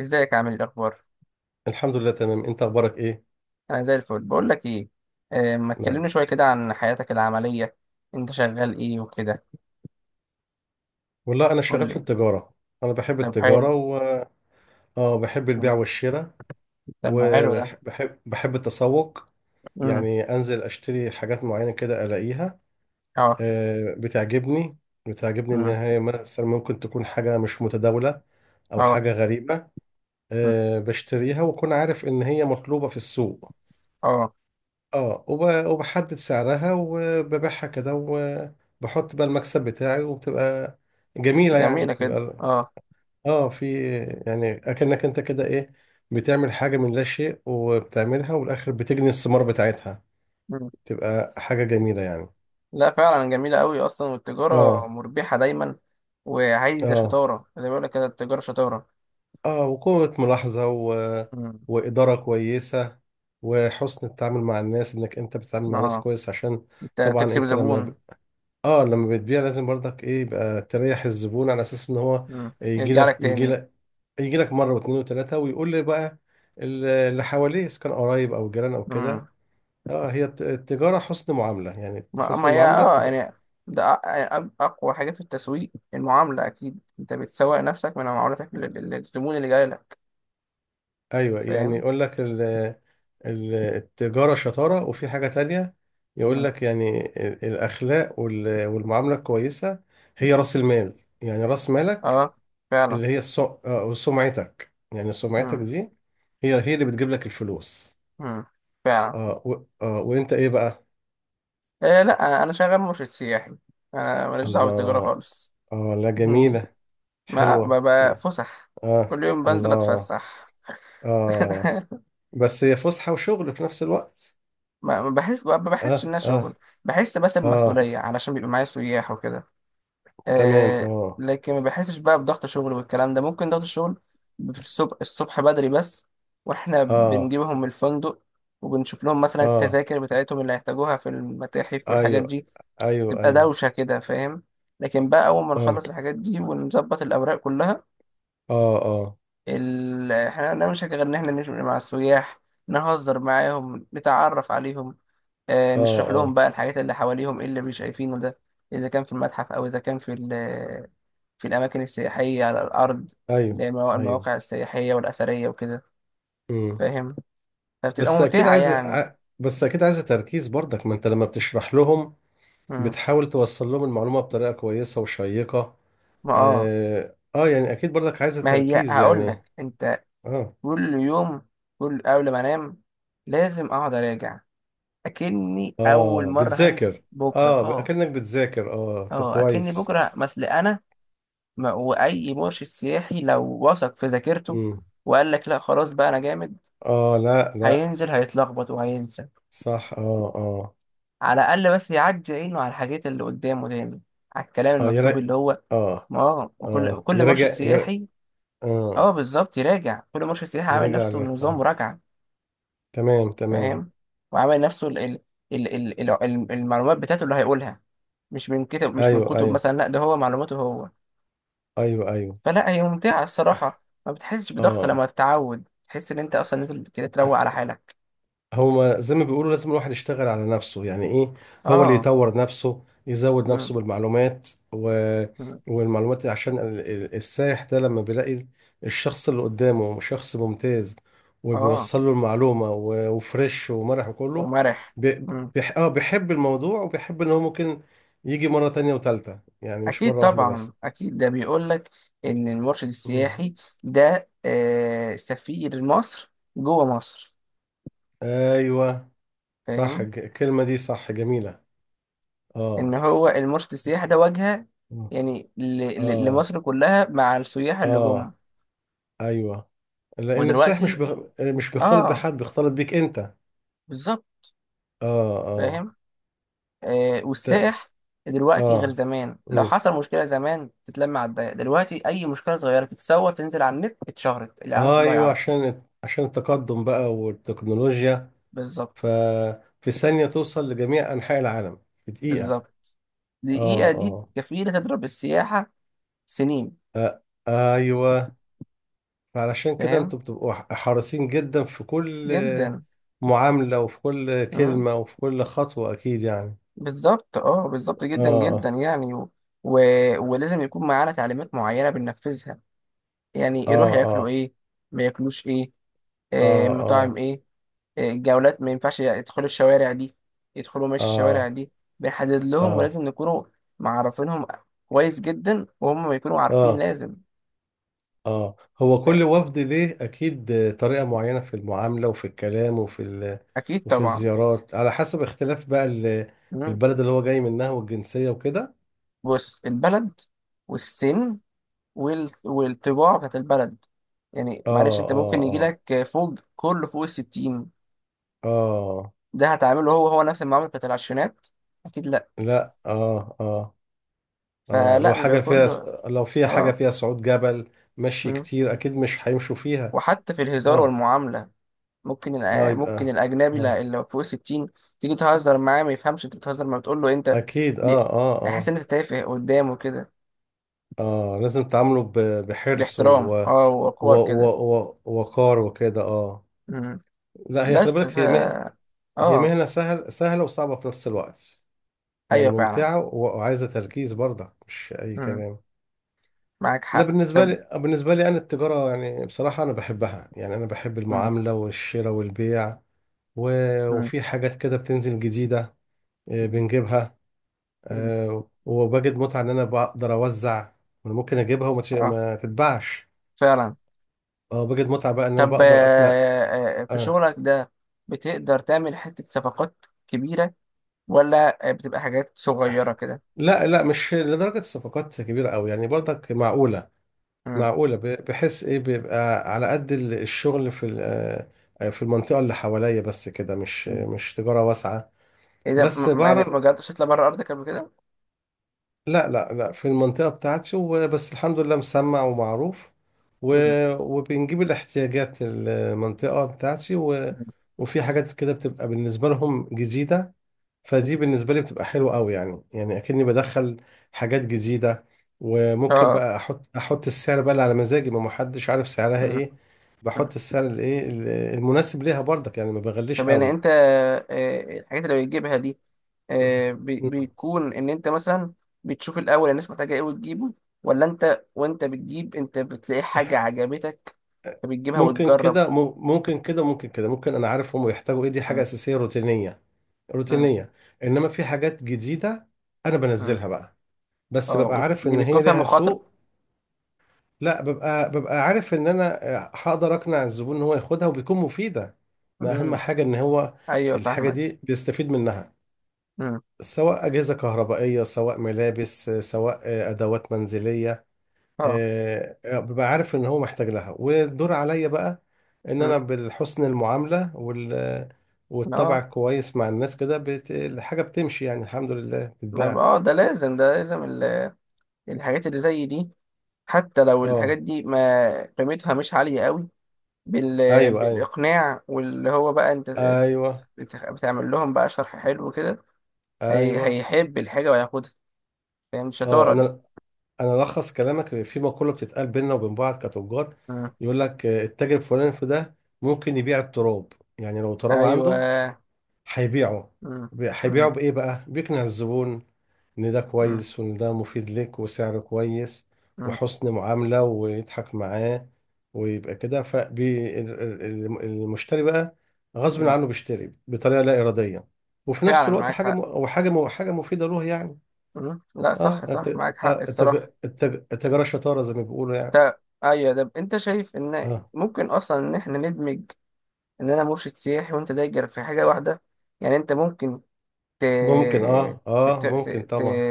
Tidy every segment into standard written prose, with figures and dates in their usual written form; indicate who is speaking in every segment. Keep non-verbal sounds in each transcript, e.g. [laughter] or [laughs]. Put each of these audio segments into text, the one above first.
Speaker 1: ازيك؟ عامل ايه؟ الاخبار؟
Speaker 2: الحمد لله، تمام، انت اخبارك ايه؟
Speaker 1: انا زي الفل. بقول لك ايه، آه، ما
Speaker 2: نعم.
Speaker 1: تكلمني شويه كده عن حياتك العمليه. انت شغال ايه وكده؟
Speaker 2: والله، انا
Speaker 1: قول
Speaker 2: شغال في
Speaker 1: لي.
Speaker 2: التجاره. انا بحب
Speaker 1: طب حلو.
Speaker 2: التجاره، و اه، بحب البيع
Speaker 1: مم.
Speaker 2: والشراء.
Speaker 1: طب ما حلو ده.
Speaker 2: وبحب بحب التسوق.
Speaker 1: امم.
Speaker 2: يعني انزل اشتري حاجات معينه كده الاقيها.
Speaker 1: اه.
Speaker 2: بتعجبني. بتعجبني ان
Speaker 1: امم.
Speaker 2: هي مثلا ممكن تكون حاجه مش متداوله، او
Speaker 1: اه.
Speaker 2: حاجه غريبه.
Speaker 1: مم.
Speaker 2: بشتريها واكون عارف ان هي مطلوبه في السوق.
Speaker 1: اه.
Speaker 2: اه، وبحدد سعرها وببيعها كده، وبحط بقى المكسب بتاعي وبتبقى جميلة،
Speaker 1: جميله
Speaker 2: يعني
Speaker 1: كده.
Speaker 2: يبقى
Speaker 1: اه.
Speaker 2: اه، في. يعني اكنك انت كده ايه، بتعمل حاجة من لا شيء وبتعملها، والاخر بتجني الثمار بتاعتها.
Speaker 1: مم.
Speaker 2: تبقى حاجة جميلة يعني.
Speaker 1: لا فعلا جميله قوي اصلا، والتجاره
Speaker 2: اه
Speaker 1: مربحه دايما، وعايزه
Speaker 2: اه.
Speaker 1: شطاره. زي ما بيقول لك كده، التجاره شطاره.
Speaker 2: اه، وقوة ملاحظة و،
Speaker 1: امم.
Speaker 2: وإدارة كويسة. وحسن التعامل مع الناس، انك انت بتتعامل مع ناس
Speaker 1: اه.
Speaker 2: كويس عشان
Speaker 1: انت
Speaker 2: طبعا
Speaker 1: تكسب
Speaker 2: انت لما،
Speaker 1: زبون.
Speaker 2: اه، لما بتبيع لازم برضك، ايه، يبقى تريح الزبون على اساس ان هو
Speaker 1: امم.
Speaker 2: يجي
Speaker 1: يرجع لك
Speaker 2: لك يجي
Speaker 1: تاني.
Speaker 2: لك يجي لك مره واثنين وثلاثه، ويقول لي بقى اللي حواليه اذا كان قرايب او جيران او كده. اه، هي التجاره حسن معامله، يعني
Speaker 1: ما
Speaker 2: حسن
Speaker 1: هي
Speaker 2: المعامله
Speaker 1: اه
Speaker 2: تبقى.
Speaker 1: يعني، ده اقوى حاجه في التسويق المعامله. اكيد انت بتسوق نفسك من معاملتك للزبون اللي جاي لك.
Speaker 2: ايوه، يعني
Speaker 1: فاهم؟
Speaker 2: يقول لك التجاره شطاره، وفي حاجه تانية يقول
Speaker 1: مم.
Speaker 2: لك يعني الاخلاق، والمعامله الكويسه هي راس المال، يعني راس مالك.
Speaker 1: اه فعلا.
Speaker 2: اللي هي السو... آه، سمعتك، يعني سمعتك
Speaker 1: مم.
Speaker 2: دي هي اللي بتجيب لك الفلوس.
Speaker 1: مم. فعلا.
Speaker 2: آه و... آه وانت ايه بقى؟
Speaker 1: آه لا، انا شغال مرشد سياحي. انا ماليش دعوه بالتجاره
Speaker 2: الله.
Speaker 1: خالص.
Speaker 2: آه، لا،
Speaker 1: [laughs]
Speaker 2: جميلة.
Speaker 1: ما
Speaker 2: حلوة.
Speaker 1: ببقى فسح.
Speaker 2: آه،
Speaker 1: كل يوم بنزل
Speaker 2: الله.
Speaker 1: اتفسح. [laughs]
Speaker 2: آه. بس هي فسحة وشغل في نفس الوقت.
Speaker 1: ما بحسش
Speaker 2: آه،
Speaker 1: انها شغل.
Speaker 2: آه.
Speaker 1: بحس بس
Speaker 2: آه.
Speaker 1: بمسؤوليه علشان بيبقى معايا سياح وكده.
Speaker 2: تمام،
Speaker 1: آه
Speaker 2: آه.
Speaker 1: لكن ما بحسش بقى بضغط شغل، والكلام ده ممكن ضغط الشغل. في الصبح، بدري بس، واحنا
Speaker 2: آه.
Speaker 1: بنجيبهم من الفندق، وبنشوف لهم مثلا
Speaker 2: آه.
Speaker 1: التذاكر بتاعتهم اللي هيحتاجوها في المتاحف والحاجات
Speaker 2: أيوه.
Speaker 1: دي.
Speaker 2: أيوه،
Speaker 1: تبقى
Speaker 2: أيوه.
Speaker 1: دوشة كده، فاهم؟ لكن بقى أول ما
Speaker 2: آه،
Speaker 1: نخلص الحاجات دي ونظبط الأوراق كلها،
Speaker 2: آه. آه،
Speaker 1: احنا عندنا مش غير إن احنا نمشي مع السياح، نهزر معاهم، نتعرف عليهم. آه،
Speaker 2: آه.
Speaker 1: نشرح لهم
Speaker 2: آه.
Speaker 1: بقى الحاجات اللي حواليهم، ايه اللي مش شايفينه ده، إذا كان في المتحف أو إذا كان في ال، في الأماكن السياحية على الأرض، اللي
Speaker 2: أيوه.
Speaker 1: هي
Speaker 2: أيوه.
Speaker 1: المواقع السياحية والأثرية وكده.
Speaker 2: مم.
Speaker 1: فاهم؟ فبتبقى ممتعة يعني.
Speaker 2: بس أكيد عايز تركيز برضك، ما أنت لما بتشرح لهم
Speaker 1: مم.
Speaker 2: بتحاول توصل لهم المعلومة بطريقة كويسة وشيقة.
Speaker 1: ما اه.
Speaker 2: اه، يعني اكيد برضك عايزة
Speaker 1: ما هي
Speaker 2: تركيز
Speaker 1: هقول لك
Speaker 2: يعني.
Speaker 1: أنت،
Speaker 2: اه.
Speaker 1: كل يوم، قبل ما أنام لازم أقعد أراجع، أكني أول
Speaker 2: اه،
Speaker 1: مرة هنزل
Speaker 2: بتذاكر.
Speaker 1: بكرة.
Speaker 2: اه،
Speaker 1: اه.
Speaker 2: اكنك بتذاكر، اه، طب
Speaker 1: اه أكني
Speaker 2: كويس.
Speaker 1: بكرة مثل أنا. ما وأي مرشد سياحي لو وثق في ذاكرته
Speaker 2: مم.
Speaker 1: وقال لك لا خلاص بقى أنا جامد،
Speaker 2: اه، لا، لا.
Speaker 1: هينزل هيتلخبط وهينسى.
Speaker 2: صح، اه، اه.
Speaker 1: على الأقل بس يعدي عينه على الحاجات اللي قدامه دايما، على الكلام
Speaker 2: اه،
Speaker 1: المكتوب اللي هو.
Speaker 2: اه،
Speaker 1: ما هو وكل
Speaker 2: اه،
Speaker 1: كل مرشد
Speaker 2: يراجع،
Speaker 1: سياحي،
Speaker 2: اه،
Speaker 1: اه بالظبط، يراجع. كل مرشد سياحي عامل
Speaker 2: يراجع
Speaker 1: نفسه
Speaker 2: عليها،
Speaker 1: النظام
Speaker 2: اه.
Speaker 1: مراجعة.
Speaker 2: تمام، تمام.
Speaker 1: فاهم؟ وعامل نفسه المعلومات بتاعته اللي هيقولها. مش من
Speaker 2: ايوه،
Speaker 1: كتب
Speaker 2: ايوه،
Speaker 1: مثلا، لا ده هو معلوماته هو.
Speaker 2: ايوه، ايوه،
Speaker 1: فلا، هي ممتعة الصراحة. ما بتحسش بضغط
Speaker 2: اه.
Speaker 1: لما تتعود، تحس ان انت اصلا نازل كده تروق على حالك.
Speaker 2: هو زي ما بيقولوا لازم الواحد يشتغل على نفسه، يعني ايه، هو اللي
Speaker 1: اه.
Speaker 2: يطور نفسه، يزود
Speaker 1: مم.
Speaker 2: نفسه بالمعلومات، و،
Speaker 1: مم.
Speaker 2: والمعلومات عشان السائح ده لما بيلاقي الشخص اللي قدامه شخص ممتاز،
Speaker 1: اه.
Speaker 2: وبيوصل له المعلومة و، وفريش ومرح وكله.
Speaker 1: ومرح.
Speaker 2: بي...
Speaker 1: إمم.
Speaker 2: بيح... آه بيحب الموضوع وبيحب ان هو ممكن يجي مرة تانية وتالتة، يعني مش
Speaker 1: أكيد
Speaker 2: مرة واحدة بس.
Speaker 1: طبعا، أكيد. ده بيقول لك إن المرشد السياحي
Speaker 2: مم.
Speaker 1: ده سفير مصر جوه مصر.
Speaker 2: ايوه، صح،
Speaker 1: فاهم؟
Speaker 2: الكلمة دي صح جميلة. اه،
Speaker 1: إن هو المرشد السياحي ده واجهة يعني
Speaker 2: اه،
Speaker 1: لمصر كلها مع السياح اللي جم.
Speaker 2: اه، ايوه. لان السائح
Speaker 1: ودلوقتي،
Speaker 2: مش بيختلط
Speaker 1: آه،
Speaker 2: بحد، بيختلط بيك انت، اه.
Speaker 1: بالظبط.
Speaker 2: اه،
Speaker 1: فاهم؟ آه،
Speaker 2: ت...
Speaker 1: والسائح دلوقتي غير
Speaker 2: اه،
Speaker 1: زمان. لو
Speaker 2: مم.
Speaker 1: حصل مشكلة زمان تتلم على الضيق، دلوقتي أي مشكلة صغيرة تتصور، تنزل على النت، اتشهرت، العالم كله
Speaker 2: ايوه،
Speaker 1: هيعرفها.
Speaker 2: عشان التقدم بقى والتكنولوجيا،
Speaker 1: بالظبط.
Speaker 2: ففي ثانية توصل لجميع انحاء العالم، في دقيقة.
Speaker 1: بالظبط.
Speaker 2: اه،
Speaker 1: دقيقة دي
Speaker 2: اه.
Speaker 1: كفيلة تضرب السياحة سنين.
Speaker 2: آه، ايوه، فعلشان كده
Speaker 1: فاهم؟
Speaker 2: انتوا بتبقوا حريصين جدا في كل
Speaker 1: جدا.
Speaker 2: معاملة، وفي كل
Speaker 1: مم.
Speaker 2: كلمة، وفي كل خطوة، اكيد يعني.
Speaker 1: بالظبط، اه بالظبط جدا جدا
Speaker 2: اه،
Speaker 1: يعني. و... و... ولازم يكون معانا تعليمات معينة بننفذها. يعني يروح
Speaker 2: اه،
Speaker 1: ياكلوا
Speaker 2: اه،
Speaker 1: ايه، ما ياكلوش ايه، آه مطاعم
Speaker 2: اه،
Speaker 1: ايه، آه الجولات ما ينفعش يدخلوا الشوارع دي، يدخلوا ماشي
Speaker 2: اه،
Speaker 1: الشوارع
Speaker 2: اه،
Speaker 1: دي، بنحدد لهم.
Speaker 2: اه،
Speaker 1: ولازم نكونوا معرفينهم كويس جدا، وهم ما يكونوا عارفين
Speaker 2: اه،
Speaker 1: لازم.
Speaker 2: اه. هو
Speaker 1: لا،
Speaker 2: كل وفد ليه اكيد طريقة معينة في المعاملة، وفي الكلام،
Speaker 1: اكيد
Speaker 2: وفي
Speaker 1: طبعا.
Speaker 2: الزيارات، على حسب اختلاف بقى
Speaker 1: مم.
Speaker 2: البلد اللي هو جاي منها والجنسية وكده.
Speaker 1: بص، البلد والسن والطباع بتاعت البلد. يعني
Speaker 2: اه،
Speaker 1: معلش، انت
Speaker 2: اه،
Speaker 1: ممكن يجي
Speaker 2: اه،
Speaker 1: لك فوق، كله فوق الستين،
Speaker 2: اه،
Speaker 1: ده هتعمله هو هو نفس المعاملة بتاعت العشرينات؟ أكيد لأ.
Speaker 2: لا، اه، اه، اه، لو
Speaker 1: فلا، بيبقى
Speaker 2: حاجة فيها،
Speaker 1: كله
Speaker 2: لو فيها حاجة
Speaker 1: اه.
Speaker 2: فيها صعود جبل، مشي
Speaker 1: مم.
Speaker 2: كتير، اكيد مش هيمشوا فيها.
Speaker 1: وحتى في الهزار
Speaker 2: اه،
Speaker 1: والمعاملة،
Speaker 2: اه يبقى،
Speaker 1: ممكن الأجنبي
Speaker 2: اه،
Speaker 1: اللي فوق الستين، تيجي تهزر معاه ما يفهمش انت بتهزر، ما بتقول له انت
Speaker 2: اكيد، اه،
Speaker 1: بي...
Speaker 2: اه،
Speaker 1: هيحس
Speaker 2: اه،
Speaker 1: ان انت تافه قدامه كده.
Speaker 2: اه، لازم تعاملوا بحرص،
Speaker 1: باحترام،
Speaker 2: و
Speaker 1: اه،
Speaker 2: و
Speaker 1: وقور
Speaker 2: و
Speaker 1: كده.
Speaker 2: و وقار وكده، اه.
Speaker 1: مم.
Speaker 2: لا، هي خلي
Speaker 1: بس ف،
Speaker 2: بالك، هي هي
Speaker 1: اه.
Speaker 2: مهنة سهلة وصعبة في نفس الوقت. يعني
Speaker 1: ايوه فعلا.
Speaker 2: ممتعة وعايزة تركيز برضه، مش أي
Speaker 1: مم.
Speaker 2: كلام.
Speaker 1: معاك
Speaker 2: لا،
Speaker 1: حق.
Speaker 2: بالنسبة
Speaker 1: طب.
Speaker 2: لي بالنسبة لي أنا التجارة، يعني بصراحة أنا بحبها، يعني أنا بحب
Speaker 1: مم.
Speaker 2: المعاملة والشراء والبيع، و،
Speaker 1: مم.
Speaker 2: وفي حاجات كده بتنزل جديدة، بنجيبها.
Speaker 1: مم.
Speaker 2: وبجد متعة إن أنا بقدر أوزع. أنا ممكن أجيبها وما
Speaker 1: اه
Speaker 2: ما تتباعش.
Speaker 1: فعلا.
Speaker 2: أه، بجد متعة بقى إن أنا
Speaker 1: طب
Speaker 2: بقدر أقنع.
Speaker 1: في
Speaker 2: أه.
Speaker 1: شغلك ده بتقدر تعمل حتة صفقات كبيرة، ولا بتبقى حاجات صغيرة كده؟
Speaker 2: لا، لا، مش لدرجة الصفقات كبيرة أوي يعني، برضك معقولة.
Speaker 1: مم.
Speaker 2: معقولة، بحس ايه، بيبقى على قد الشغل في ال- آه، في المنطقة اللي حواليا بس كده، مش
Speaker 1: مم.
Speaker 2: مش تجارة واسعة.
Speaker 1: ايه ده
Speaker 2: بس
Speaker 1: يعني ما
Speaker 2: بعرف.
Speaker 1: جربتش تطلع بره ارضك قبل كده؟
Speaker 2: لا، لا، لا، في المنطقة بتاعتي وبس، الحمد لله، مسمع ومعروف،
Speaker 1: مم.
Speaker 2: وبنجيب الاحتياجات المنطقة بتاعتي، و،
Speaker 1: مم.
Speaker 2: وفي حاجات كده بتبقى بالنسبة لهم جديدة.
Speaker 1: مم.
Speaker 2: فدي بالنسبة لي بتبقى حلوة قوي، يعني أكني بدخل حاجات جديدة، وممكن
Speaker 1: اه.
Speaker 2: بقى أحط السعر بقى اللي على مزاجي، ما محدش عارف سعرها
Speaker 1: مم.
Speaker 2: إيه.
Speaker 1: مم.
Speaker 2: بحط السعر الإيه المناسب ليها برضك يعني، ما بغليش
Speaker 1: طب يعني
Speaker 2: قوي.
Speaker 1: انت الحاجات اللي بتجيبها دي، بيكون ان انت مثلا بتشوف الاول الناس محتاجة ايه وتجيبه، ولا انت وانت بتجيب انت بتلاقي حاجة عجبتك فبتجيبها
Speaker 2: ممكن
Speaker 1: وتجرب؟
Speaker 2: كده مم- ممكن كده ممكن كده ممكن أنا عارف هم بيحتاجوا إيه، دي حاجة
Speaker 1: مم.
Speaker 2: أساسية روتينية.
Speaker 1: مم.
Speaker 2: روتينية، إنما في حاجات جديدة أنا
Speaker 1: مم.
Speaker 2: بنزلها بقى، بس
Speaker 1: اه،
Speaker 2: ببقى عارف
Speaker 1: دي
Speaker 2: إن
Speaker 1: بتكون
Speaker 2: هي
Speaker 1: فيها
Speaker 2: ليها
Speaker 1: مخاطرة.
Speaker 2: سوق. لا، ببقى عارف ان انا هقدر اقنع الزبون ان هو ياخدها وبيكون مفيده، ما اهم
Speaker 1: مم.
Speaker 2: حاجه ان هو
Speaker 1: ايوه
Speaker 2: الحاجه
Speaker 1: فاهمك.
Speaker 2: دي بيستفيد منها،
Speaker 1: مم.
Speaker 2: سواء اجهزه كهربائيه، سواء ملابس، سواء ادوات منزليه.
Speaker 1: اه.
Speaker 2: ببقى عارف ان هو محتاج لها، والدور عليا بقى ان
Speaker 1: مم.
Speaker 2: انا بالحسن المعامله، والطبع
Speaker 1: اه.
Speaker 2: كويس مع الناس كده، الحاجه بتمشي يعني، الحمد لله
Speaker 1: ما
Speaker 2: بتتباع.
Speaker 1: اه، ده لازم، الحاجات اللي زي دي، حتى لو الحاجات
Speaker 2: اه.
Speaker 1: دي ما قيمتها مش عالية قوي، بال...
Speaker 2: ايوه، ايوه،
Speaker 1: بالإقناع واللي هو بقى انت
Speaker 2: ايوه،
Speaker 1: بتعمل لهم بقى شرح حلو كده،
Speaker 2: ايوه.
Speaker 1: هيحب الحاجة وياخدها. فاهم
Speaker 2: اه،
Speaker 1: الشطارة دي؟
Speaker 2: انا الخص كلامك في مقوله بتتقال بيننا وبين بعض كتجار،
Speaker 1: مم.
Speaker 2: يقول لك التاجر الفلاني في ده ممكن يبيع التراب، يعني لو تراب عنده
Speaker 1: ايوه.
Speaker 2: هيبيعه،
Speaker 1: مم.
Speaker 2: هيبيعه
Speaker 1: مم.
Speaker 2: بايه بقى، بيقنع الزبون ان ده
Speaker 1: مم.
Speaker 2: كويس، وان ده مفيد لك، وسعره كويس،
Speaker 1: مم.
Speaker 2: وحسن معامله ويضحك معاه، ويبقى كده، فالمشتري بقى غصب
Speaker 1: مم.
Speaker 2: عنه بيشتري بطريقه لا اراديه، وفي نفس
Speaker 1: فعلا،
Speaker 2: الوقت
Speaker 1: معاك
Speaker 2: حاجه م-
Speaker 1: حق.
Speaker 2: او حاجه م- حاجه مفيده له يعني.
Speaker 1: مم. لا، صح
Speaker 2: اه،
Speaker 1: صح، معاك حق الصراحة.
Speaker 2: التجارة شطارة زي ما بيقولوا يعني.
Speaker 1: تا... ايوه، ده انت شايف ان
Speaker 2: اه،
Speaker 1: ممكن اصلا ان احنا ندمج، ان انا مرشد سياحي وانت دايجر، في حاجة واحدة. يعني انت ممكن ت...
Speaker 2: ممكن، اه،
Speaker 1: ت... ت...
Speaker 2: اه،
Speaker 1: ت...
Speaker 2: ممكن
Speaker 1: ت...
Speaker 2: طبعا.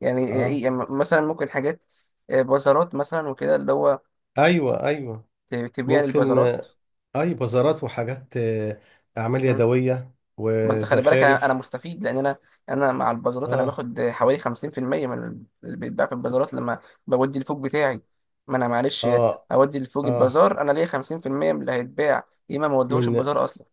Speaker 1: يعني
Speaker 2: اه،
Speaker 1: يعني مثلا ممكن حاجات، آه، بازارات مثلا وكده اللي هو
Speaker 2: ايوه، ايوه،
Speaker 1: تبيع
Speaker 2: ممكن.
Speaker 1: للبازارات.
Speaker 2: اي بازارات وحاجات، اعمال يدوية
Speaker 1: بس خلي بالك، انا
Speaker 2: وزخارف.
Speaker 1: مستفيد. لان انا مع البازارات، انا
Speaker 2: اه،
Speaker 1: باخد حوالي 50% من اللي بيتباع في البازارات لما بودي الفوق بتاعي. ما انا معلش،
Speaker 2: اه،
Speaker 1: اودي الفوق
Speaker 2: اه،
Speaker 1: البازار انا ليا 50% من اللي هيتباع، يا اما ما اوديهوش
Speaker 2: من
Speaker 1: البازار اصلا.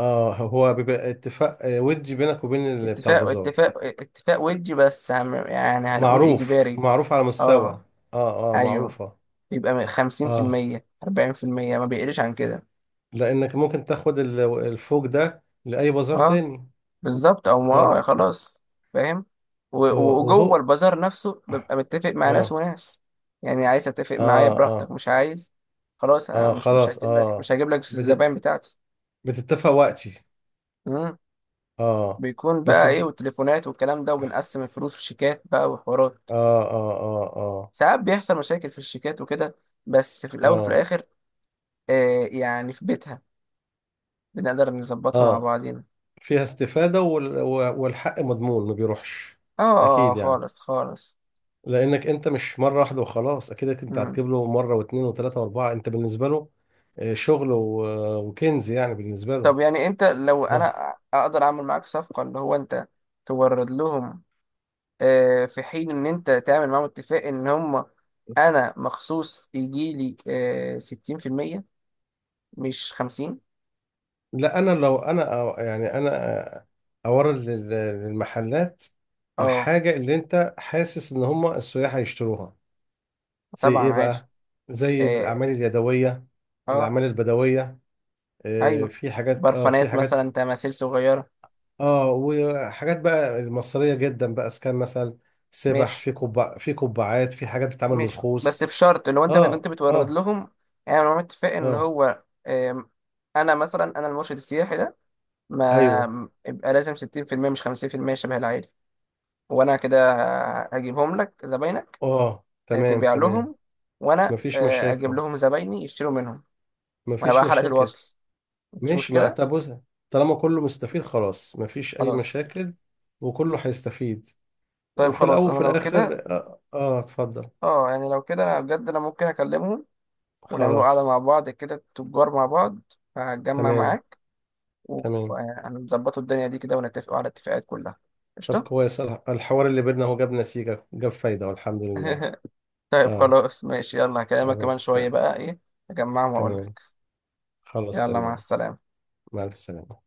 Speaker 2: اه، هو بيبقى اتفاق، ودي بينك وبين اللي بتاع البازار.
Speaker 1: اتفاق، ودي بس يعني هنقول
Speaker 2: معروف،
Speaker 1: اجباري.
Speaker 2: معروف، على مستوى،
Speaker 1: اه.
Speaker 2: اه، اه،
Speaker 1: ايوه.
Speaker 2: معروفة، اه.
Speaker 1: يبقى
Speaker 2: اه،
Speaker 1: 50%، 40%، ما بيقلش عن كده.
Speaker 2: لانك ممكن تاخد الفوق ده لأي بازار
Speaker 1: اه
Speaker 2: تاني.
Speaker 1: بالظبط. او ما
Speaker 2: اه،
Speaker 1: خلاص. فاهم؟ وجوه
Speaker 2: وهو،
Speaker 1: البازار نفسه ببقى متفق مع ناس
Speaker 2: اه،
Speaker 1: وناس. يعني عايز اتفق معايا
Speaker 2: اه،
Speaker 1: براحتك،
Speaker 2: اه،
Speaker 1: مش عايز خلاص، انا
Speaker 2: اه،
Speaker 1: مش
Speaker 2: خلاص،
Speaker 1: هجيب لك،
Speaker 2: اه، بت...
Speaker 1: الزباين بتاعتي.
Speaker 2: بتتفق وقتي.
Speaker 1: امم.
Speaker 2: اه.
Speaker 1: بيكون
Speaker 2: بس
Speaker 1: بقى ايه
Speaker 2: د-
Speaker 1: والتليفونات والكلام ده، وبنقسم الفلوس في شيكات بقى وحوارات.
Speaker 2: اه، اه، اه، اه،
Speaker 1: ساعات بيحصل مشاكل في الشيكات وكده، بس في الاول وفي
Speaker 2: اه،
Speaker 1: الاخر آه يعني في بيتها بنقدر نظبطها مع
Speaker 2: اه،
Speaker 1: بعضينا.
Speaker 2: فيها استفادة، والحق مضمون ما بيروحش.
Speaker 1: اه. آه، آه،
Speaker 2: اكيد يعني،
Speaker 1: خالص خالص.
Speaker 2: لانك انت مش مرة واحدة وخلاص، اكيد انت
Speaker 1: مم.
Speaker 2: هتجيب له مرة واثنين وثلاثة واربعة، انت بالنسبة له شغل، و، وكنز يعني بالنسبة له.
Speaker 1: طب يعني انت، لو
Speaker 2: اه،
Speaker 1: انا اقدر اعمل معاك صفقة، اللي هو انت تورد لهم، في حين ان انت تعمل معاهم اتفاق ان هم انا مخصوص يجي لي 60%، مش 50%.
Speaker 2: لا، انا لو انا يعني انا اورد للمحلات
Speaker 1: اه.
Speaker 2: الحاجه اللي انت حاسس ان هم السياح هيشتروها، زي
Speaker 1: طبعا
Speaker 2: ايه
Speaker 1: عادي.
Speaker 2: بقى؟ زي
Speaker 1: اه.
Speaker 2: الاعمال اليدويه،
Speaker 1: آه.
Speaker 2: الاعمال البدويه،
Speaker 1: ايوه،
Speaker 2: في حاجات، اه، في
Speaker 1: برفانات
Speaker 2: حاجات،
Speaker 1: مثلا، تماثيل صغيرة.
Speaker 2: اه، وحاجات بقى المصريه جدا بقى، اسكان مثلا، سبح
Speaker 1: ماشي.
Speaker 2: في كوبا، في قبعات، في حاجات بتتعمل من
Speaker 1: ماشي بس
Speaker 2: الخوص.
Speaker 1: بشرط، لو انت،
Speaker 2: اه،
Speaker 1: بتورد
Speaker 2: اه،
Speaker 1: لهم، اعمل معاهم اتفاق ان
Speaker 2: اه،
Speaker 1: هو انا مثلا، انا المرشد السياحي ده،
Speaker 2: ايوه،
Speaker 1: ما يبقى لازم 60% مش 50% شبه العادي. وانا كده هجيبهم لك زباينك،
Speaker 2: اه،
Speaker 1: آه،
Speaker 2: تمام،
Speaker 1: تبيع
Speaker 2: تمام.
Speaker 1: لهم، وانا
Speaker 2: مفيش
Speaker 1: اجيب
Speaker 2: مشاكل.
Speaker 1: لهم زبايني يشتروا منهم. وانا
Speaker 2: مفيش
Speaker 1: بقى حلقة
Speaker 2: مشاكل.
Speaker 1: الوصل. مفيش
Speaker 2: ماشي، ما
Speaker 1: مشكلة.
Speaker 2: طب بص، طالما كله مستفيد خلاص مفيش أي
Speaker 1: خلاص.
Speaker 2: مشاكل، وكله هيستفيد،
Speaker 1: طيب
Speaker 2: وفي الأول
Speaker 1: خلاص انا
Speaker 2: وفي
Speaker 1: لو كده،
Speaker 2: الآخر، اتفضل.
Speaker 1: اه يعني لو كده انا بجد، انا ممكن اكلمهم، ونعملوا قعدة
Speaker 2: خلاص،
Speaker 1: مع بعض كده، تجار مع بعض، هتجمع
Speaker 2: تمام،
Speaker 1: معاك،
Speaker 2: تمام.
Speaker 1: وهنظبطوا الدنيا دي كده، ونتفقوا على الاتفاقات كلها.
Speaker 2: طب
Speaker 1: قشطة.
Speaker 2: كويس، الحوار اللي بينا هو جاب نتيجة، جاب فايدة، والحمد لله.
Speaker 1: [laughs] طيب
Speaker 2: آه.
Speaker 1: خلاص ماشي، يلا هكلمك كمان
Speaker 2: خلاص،
Speaker 1: شوية بقى ايه، اجمعهم واقول
Speaker 2: تمام.
Speaker 1: لك.
Speaker 2: خلاص،
Speaker 1: يلا، مع
Speaker 2: تمام.
Speaker 1: السلامة.
Speaker 2: مع السلامة.